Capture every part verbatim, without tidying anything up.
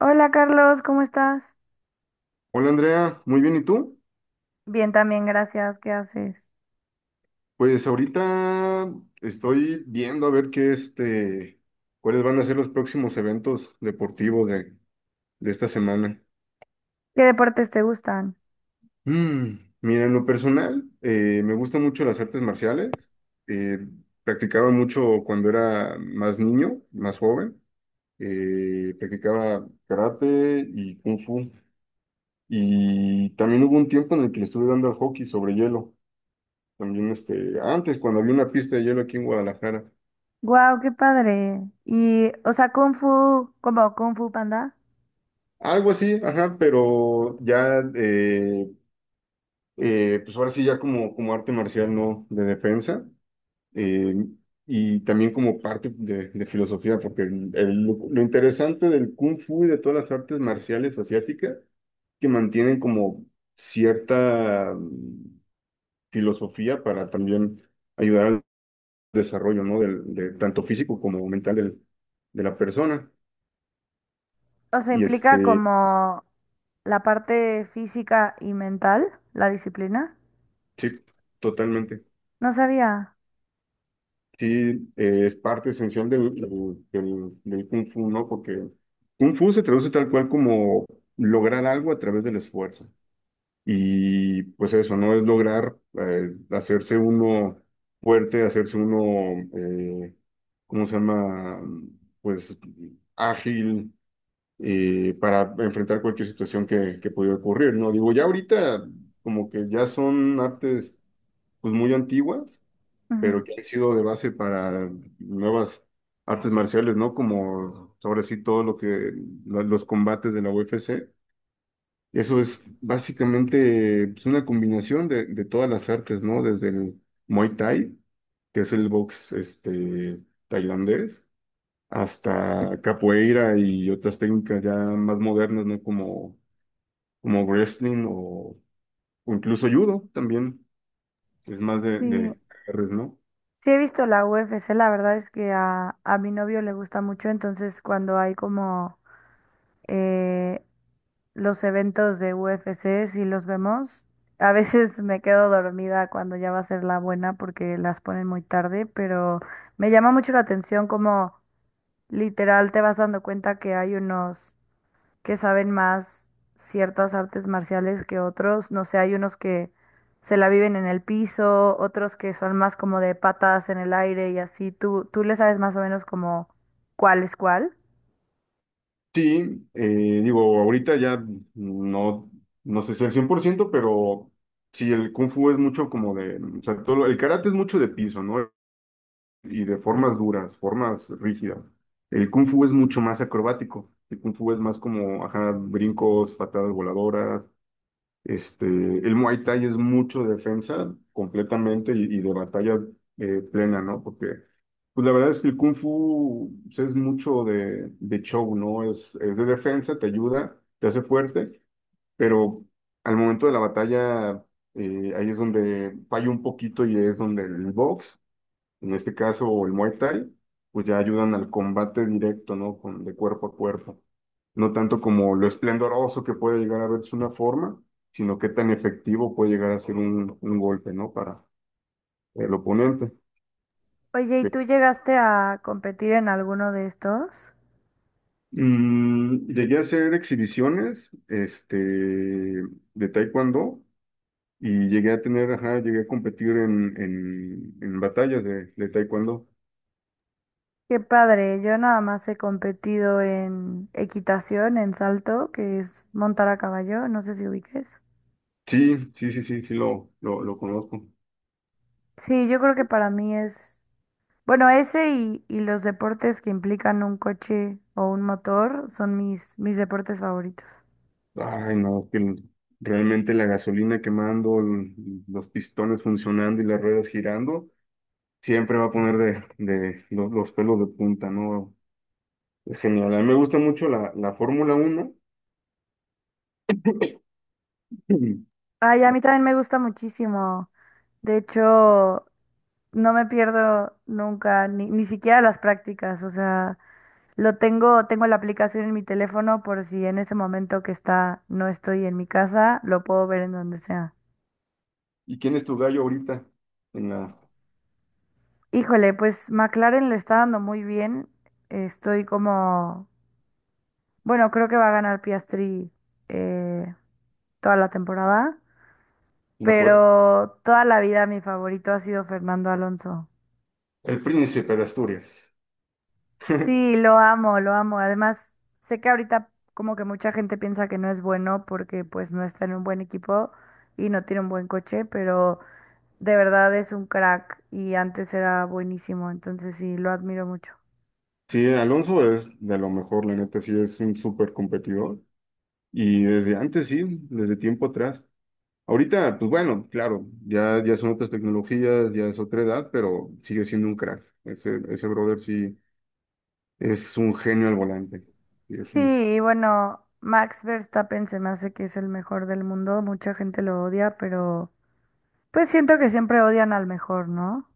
Hola Carlos, ¿cómo estás? Hola Andrea, muy bien, ¿y tú? Bien, también, gracias. ¿Qué haces? Pues ahorita estoy viendo a ver qué este, cuáles van a ser los próximos eventos deportivos de, de esta semana. ¿Qué deportes te gustan? Mm, Mira, en lo personal, eh, me gustan mucho las artes marciales. Eh, Practicaba mucho cuando era más niño, más joven. Eh, practicaba karate y kung fu. Y también hubo un tiempo en el que le estuve dando al hockey sobre hielo. También este, antes, cuando había una pista de hielo aquí en Guadalajara. Wow, qué padre. Y, o sea, Kung Fu, como Kung Fu Panda, Algo así, ajá, pero ya, eh, eh, pues ahora sí, ya como, como arte marcial, ¿no? De defensa, eh, y también como parte de, de filosofía, porque el- el- lo, lo interesante del Kung Fu y de todas las artes marciales asiáticas, que mantienen como cierta mm, filosofía para también ayudar al desarrollo, ¿no? Del, de, tanto físico como mental del- de la persona. o sea, Y implica este, como la parte física y mental, la disciplina. sí, totalmente. No sabía. Sí, eh, es parte esencial del, del, del- del Kung Fu, ¿no? Porque Kung Fu se traduce tal cual como lograr algo a través del esfuerzo. Y pues eso, ¿no? Es lograr eh, hacerse uno fuerte, hacerse uno, eh, ¿cómo se llama? Pues ágil eh, para enfrentar cualquier situación que, que pudiera ocurrir, ¿no? Digo, ya ahorita como que ya son artes pues muy antiguas Ujú. pero que ha sido de base para nuevas artes marciales, ¿no? Como ahora sí todo lo que, lo- los combates de la U F C. Eso es básicamente pues, una combinación de, de todas las artes, ¿no? Desde el Muay Thai, que es el box este, tailandés, hasta capoeira y otras técnicas ya más modernas, ¿no? Como, como wrestling o, o incluso judo también, es más de, Sí, de agarres, ¿no? sí he visto la U F C, la verdad es que a, a mi novio le gusta mucho, entonces cuando hay como eh, los eventos de U F C, si los vemos. A veces me quedo dormida cuando ya va a ser la buena porque las ponen muy tarde, pero me llama mucho la atención como literal te vas dando cuenta que hay unos que saben más ciertas artes marciales que otros. No sé, hay unos que se la viven en el piso, otros que son más como de patas en el aire y así. ¿Tú, tú le sabes más o menos como cuál es cuál? Sí, eh, digo, ahorita ya no, no sé si al cien por ciento, pero sí, el Kung Fu es mucho como de, o sea, todo, lo- el karate es mucho de piso, ¿no? Y de formas duras, formas rígidas. El Kung Fu es mucho más acrobático. El Kung Fu es más como, ajá, brincos, patadas voladoras, este, el Muay Thai es mucho defensa completamente y, y de batalla eh, plena, ¿no? Porque, pues la verdad es que el Kung Fu pues, es mucho de, de show, ¿no? Es, es de defensa, te ayuda, te hace fuerte, pero al momento de la batalla eh, ahí es donde falla un poquito y es donde el box en este caso, o el Muay Thai, pues ya ayudan al combate directo, ¿no? Con, de cuerpo a cuerpo. No tanto como lo esplendoroso que puede llegar a verse una forma, sino qué tan efectivo puede llegar a ser un, un golpe, ¿no? Para el oponente. Oye, ¿y tú llegaste a competir en alguno de estos? Mm, llegué a hacer exhibiciones, este, de taekwondo y llegué a tener, ajá, llegué a competir en, en, en batallas de, de taekwondo. Qué padre, yo nada más he competido en equitación, en salto, que es montar a caballo, no sé si ubiques. Sí, sí, sí, sí, sí lo, lo, lo conozco. Sí, yo creo que para mí es, bueno, ese y, y los deportes que implican un coche o un motor son mis, mis deportes favoritos. Ay, no, que realmente la gasolina quemando, l- los pistones funcionando y las ruedas girando, siempre va a poner de, de los, los pelos de punta, ¿no? Es genial. A mí me gusta mucho la, la Fórmula Uno Ay, a mí también me gusta muchísimo. De hecho, no me pierdo nunca, ni, ni siquiera las prácticas. O sea, Lo tengo, tengo la aplicación en mi teléfono por si en ese momento que está, no estoy en mi casa, lo puedo ver en donde sea. ¿Y quién es tu gallo ahorita en la, Híjole, pues McLaren le está dando muy bien. Estoy como, bueno, creo que va a ganar Piastri eh, toda la temporada, en la fuerza? pero toda la vida mi favorito ha sido Fernando Alonso. El Príncipe de Asturias. Sí, lo amo, lo amo. Además, sé que ahorita como que mucha gente piensa que no es bueno porque pues no está en un buen equipo y no tiene un buen coche, pero de verdad es un crack y antes era buenísimo, entonces sí, lo admiro mucho. Sí, Alonso es de lo mejor, la neta, sí es un súper competidor. Y desde antes, sí, desde tiempo atrás. Ahorita, pues bueno, claro, ya, ya son otras tecnologías, ya es otra edad, pero sigue siendo un crack. Ese, ese brother sí es un genio al volante. Sí, es Sí, un- y bueno, Max Verstappen se me hace que es el mejor del mundo, mucha gente lo odia, pero pues siento que siempre odian al mejor, ¿no?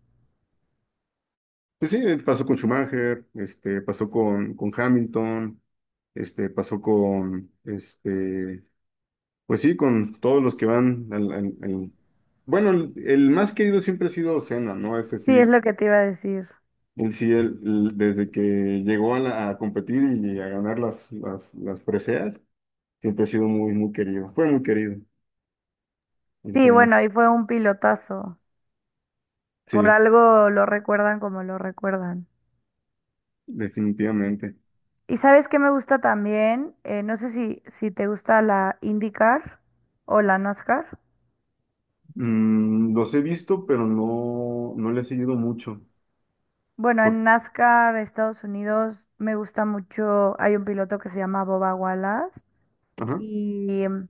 pues sí, eh, pasó con Schumacher, este, pasó con, con Hamilton, este, pasó con, este, pues sí, con todos los que van al, al- al- bueno, el, el más querido siempre ha sido Senna, ¿no? Ese Sí, es sí, lo que te iba a decir. él sí, él- él, desde que llegó a, la- a competir y a ganar las, las, las preseas. Siempre ha sido muy, muy querido. Fue muy querido. El Sí, C N. bueno, y fue un pilotazo, por Sí, algo lo recuerdan como lo recuerdan. definitivamente. ¿Y sabes qué me gusta también? Eh, no sé si, si te gusta la IndyCar o la NASCAR. Mm, los he visto, pero no, no le he seguido mucho. Bueno, Por- en NASCAR, Estados Unidos, me gusta mucho. Hay un piloto que se llama Boba Wallace Ajá, y em,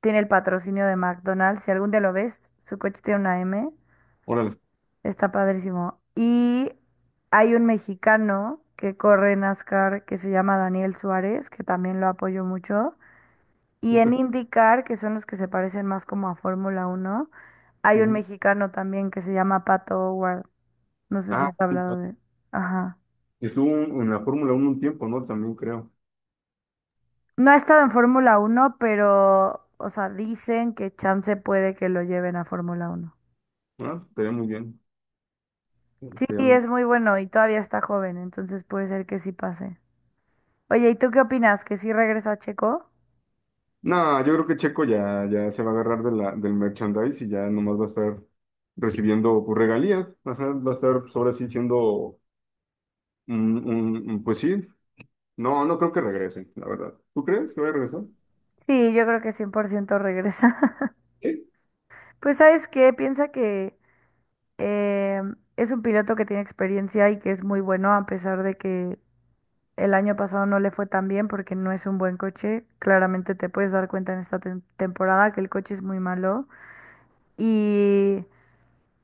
tiene el patrocinio de McDonald's. Si algún día lo ves, su coche tiene una M, órale, está padrísimo. Y hay un mexicano que corre NASCAR que se llama Daniel Suárez, que también lo apoyo mucho. Y en súper. IndyCar, que son los que se parecen más como a Fórmula Uno, hay un Ujú. mexicano también que se llama Pato O'Ward. No sé si Ah, has sí, hablado de... Ajá. estuvo en la Fórmula uno un tiempo, ¿no? También creo. No ha estado en Fórmula Uno, pero, o sea, dicen que chance puede que lo lleven a Fórmula Uno. Ah, estaría muy bien. Sí, Estaría muy- es muy bueno y todavía está joven, entonces puede ser que sí pase. Oye, ¿y tú qué opinas? ¿Que sí regresa Checo? No, yo creo que Checo ya, ya se va a agarrar de la, del merchandise y ya nomás va a estar recibiendo pues, regalías. Ajá, va a estar pues, ahora sí siendo, un- un- un- pues sí. No, no creo que regresen, la verdad. ¿Tú crees que va a regresar? Sí, yo creo que cien por ciento regresa. Sí. Pues, ¿sabes qué? Piensa que eh, es un piloto que tiene experiencia y que es muy bueno, a pesar de que el año pasado no le fue tan bien porque no es un buen coche. Claramente te puedes dar cuenta en esta tem- temporada que el coche es muy malo. Y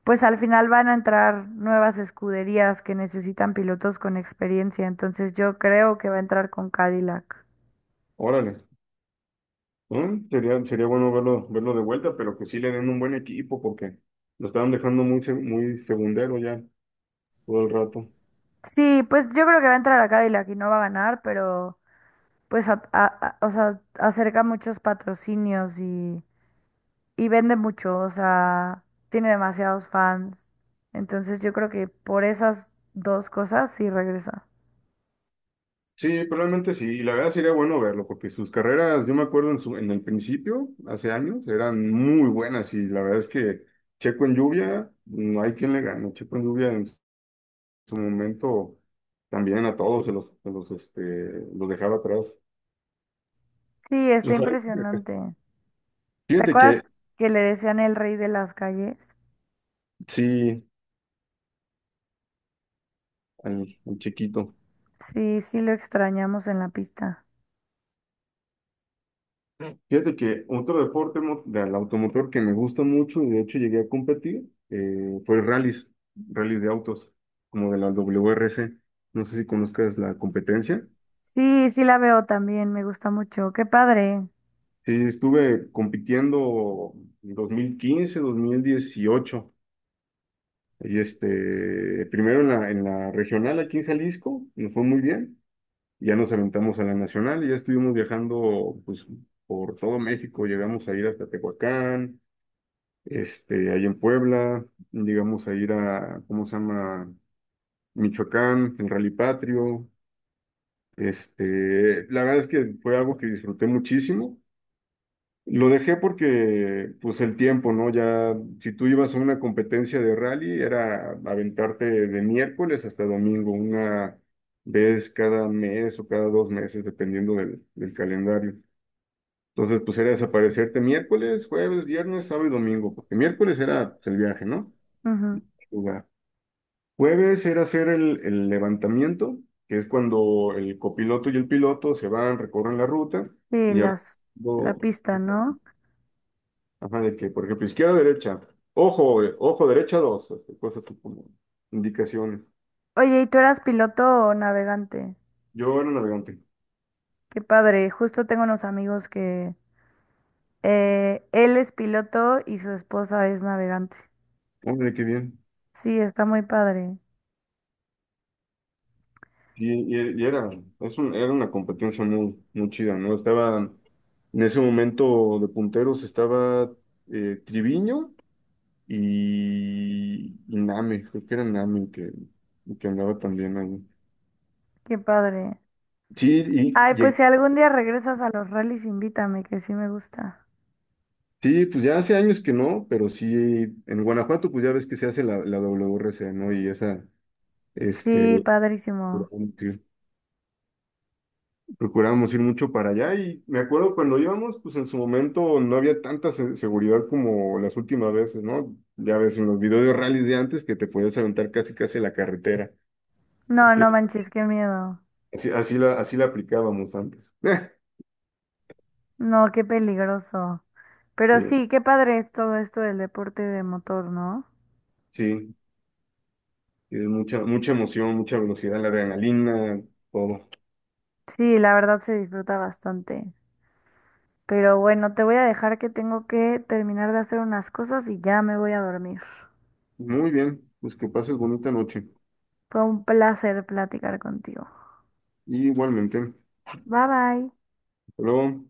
pues al final van a entrar nuevas escuderías que necesitan pilotos con experiencia, entonces yo creo que va a entrar con Cadillac. Órale. Mm, Sería, sería bueno verlo, verlo, de vuelta, pero que sí le den un buen equipo porque lo estaban dejando muy, se- muy segundero ya todo el rato. Sí, pues yo creo que va a entrar a Cadillac y no va a ganar, pero pues a- a- a- o sea, acerca muchos patrocinios y, y vende mucho, o sea, tiene demasiados fans. Entonces yo creo que por esas dos cosas sí regresa. Sí, probablemente sí. Y la verdad sería bueno verlo porque sus carreras, yo me acuerdo en, su, en el principio, hace años, eran muy buenas y la verdad es que Checo en lluvia, no hay quien le gane. Checo en lluvia en su momento también a todos se los, se los, este, los dejaba atrás. Sí, está Ojalá. impresionante. ¿Te Fíjate que. acuerdas que le decían el rey de las calles? Sí, al, al chiquito. Sí, sí lo extrañamos en la pista. Fíjate que otro deporte mo- del automotor que me gusta mucho y de hecho llegué a competir eh, fue rallies, rallies de autos, como de la W R C. No sé si conozcas la competencia. Sí, sí la veo también, me gusta mucho. Qué padre. Sí, estuve compitiendo en dos dos mil quince, dos mil dieciocho. Y este, primero en la, en la regional aquí en Jalisco, nos fue muy bien. Ya nos aventamos a la nacional y ya estuvimos viajando pues, por todo México. Llegamos a ir hasta Tehuacán, este, ahí en Puebla, digamos a ir a, ¿cómo se llama? Michoacán, el Rally Patrio. Este, la verdad es que fue algo que disfruté muchísimo. Lo dejé porque, pues, el tiempo, ¿no? Ya, si tú ibas a una competencia de rally, era aventarte de miércoles hasta domingo, una vez cada mes o cada dos meses, dependiendo del, del calendario. Entonces, pues era desaparecerte miércoles, jueves, viernes, sábado y domingo, porque miércoles era pues, el viaje, ¿no? Ujú. Jueves era hacer el, el levantamiento, que es cuando el copiloto y el piloto se van, recorren la ruta Sí, y ya- las, la pista, ¿no? ajá, de que, por ejemplo, izquierda, derecha, ojo, eh, ojo, derecha, dos, este, cosas así como indicaciones. Oye, ¿y tú eras piloto o navegante? Yo era navegante. Qué padre. Justo tengo unos amigos que eh, él es piloto y su esposa es navegante. Hombre, qué bien. Sí, está muy padre. Y, y- y era, es un- era una competencia muy, muy chida, ¿no? Estaba, en ese momento de punteros estaba eh, Triviño y, y Nami, creo que era Nami que, que andaba también ahí. Qué padre. Sí, y, Ay, pues llegué- si algún día regresas a los rallies, invítame, que sí me gusta. sí, pues ya hace años que no, pero sí, en Guanajuato pues ya ves que se hace la, la W R C, ¿no? Y esa, Sí, este, padrísimo. procuramos ir procuramos ir mucho para allá y me acuerdo cuando íbamos, pues en su momento no había tanta se- seguridad como las últimas veces, ¿no? Ya ves en los videos de rallies de antes que te podías aventar casi casi a la carretera. No, no manches, qué miedo. Así, así la, así la aplicábamos antes. No, qué peligroso. Pero Sí. sí, qué padre es todo esto del deporte de motor, ¿no? Sí. Tienes mucha, mucha emoción, mucha velocidad, la adrenalina, todo. Sí, la verdad se disfruta bastante. Pero bueno, te voy a dejar que tengo que terminar de hacer unas cosas y ya me voy a dormir. Muy bien, pues que pases bonita noche. Fue un placer platicar contigo. Y igualmente. Bye bye. Hasta luego.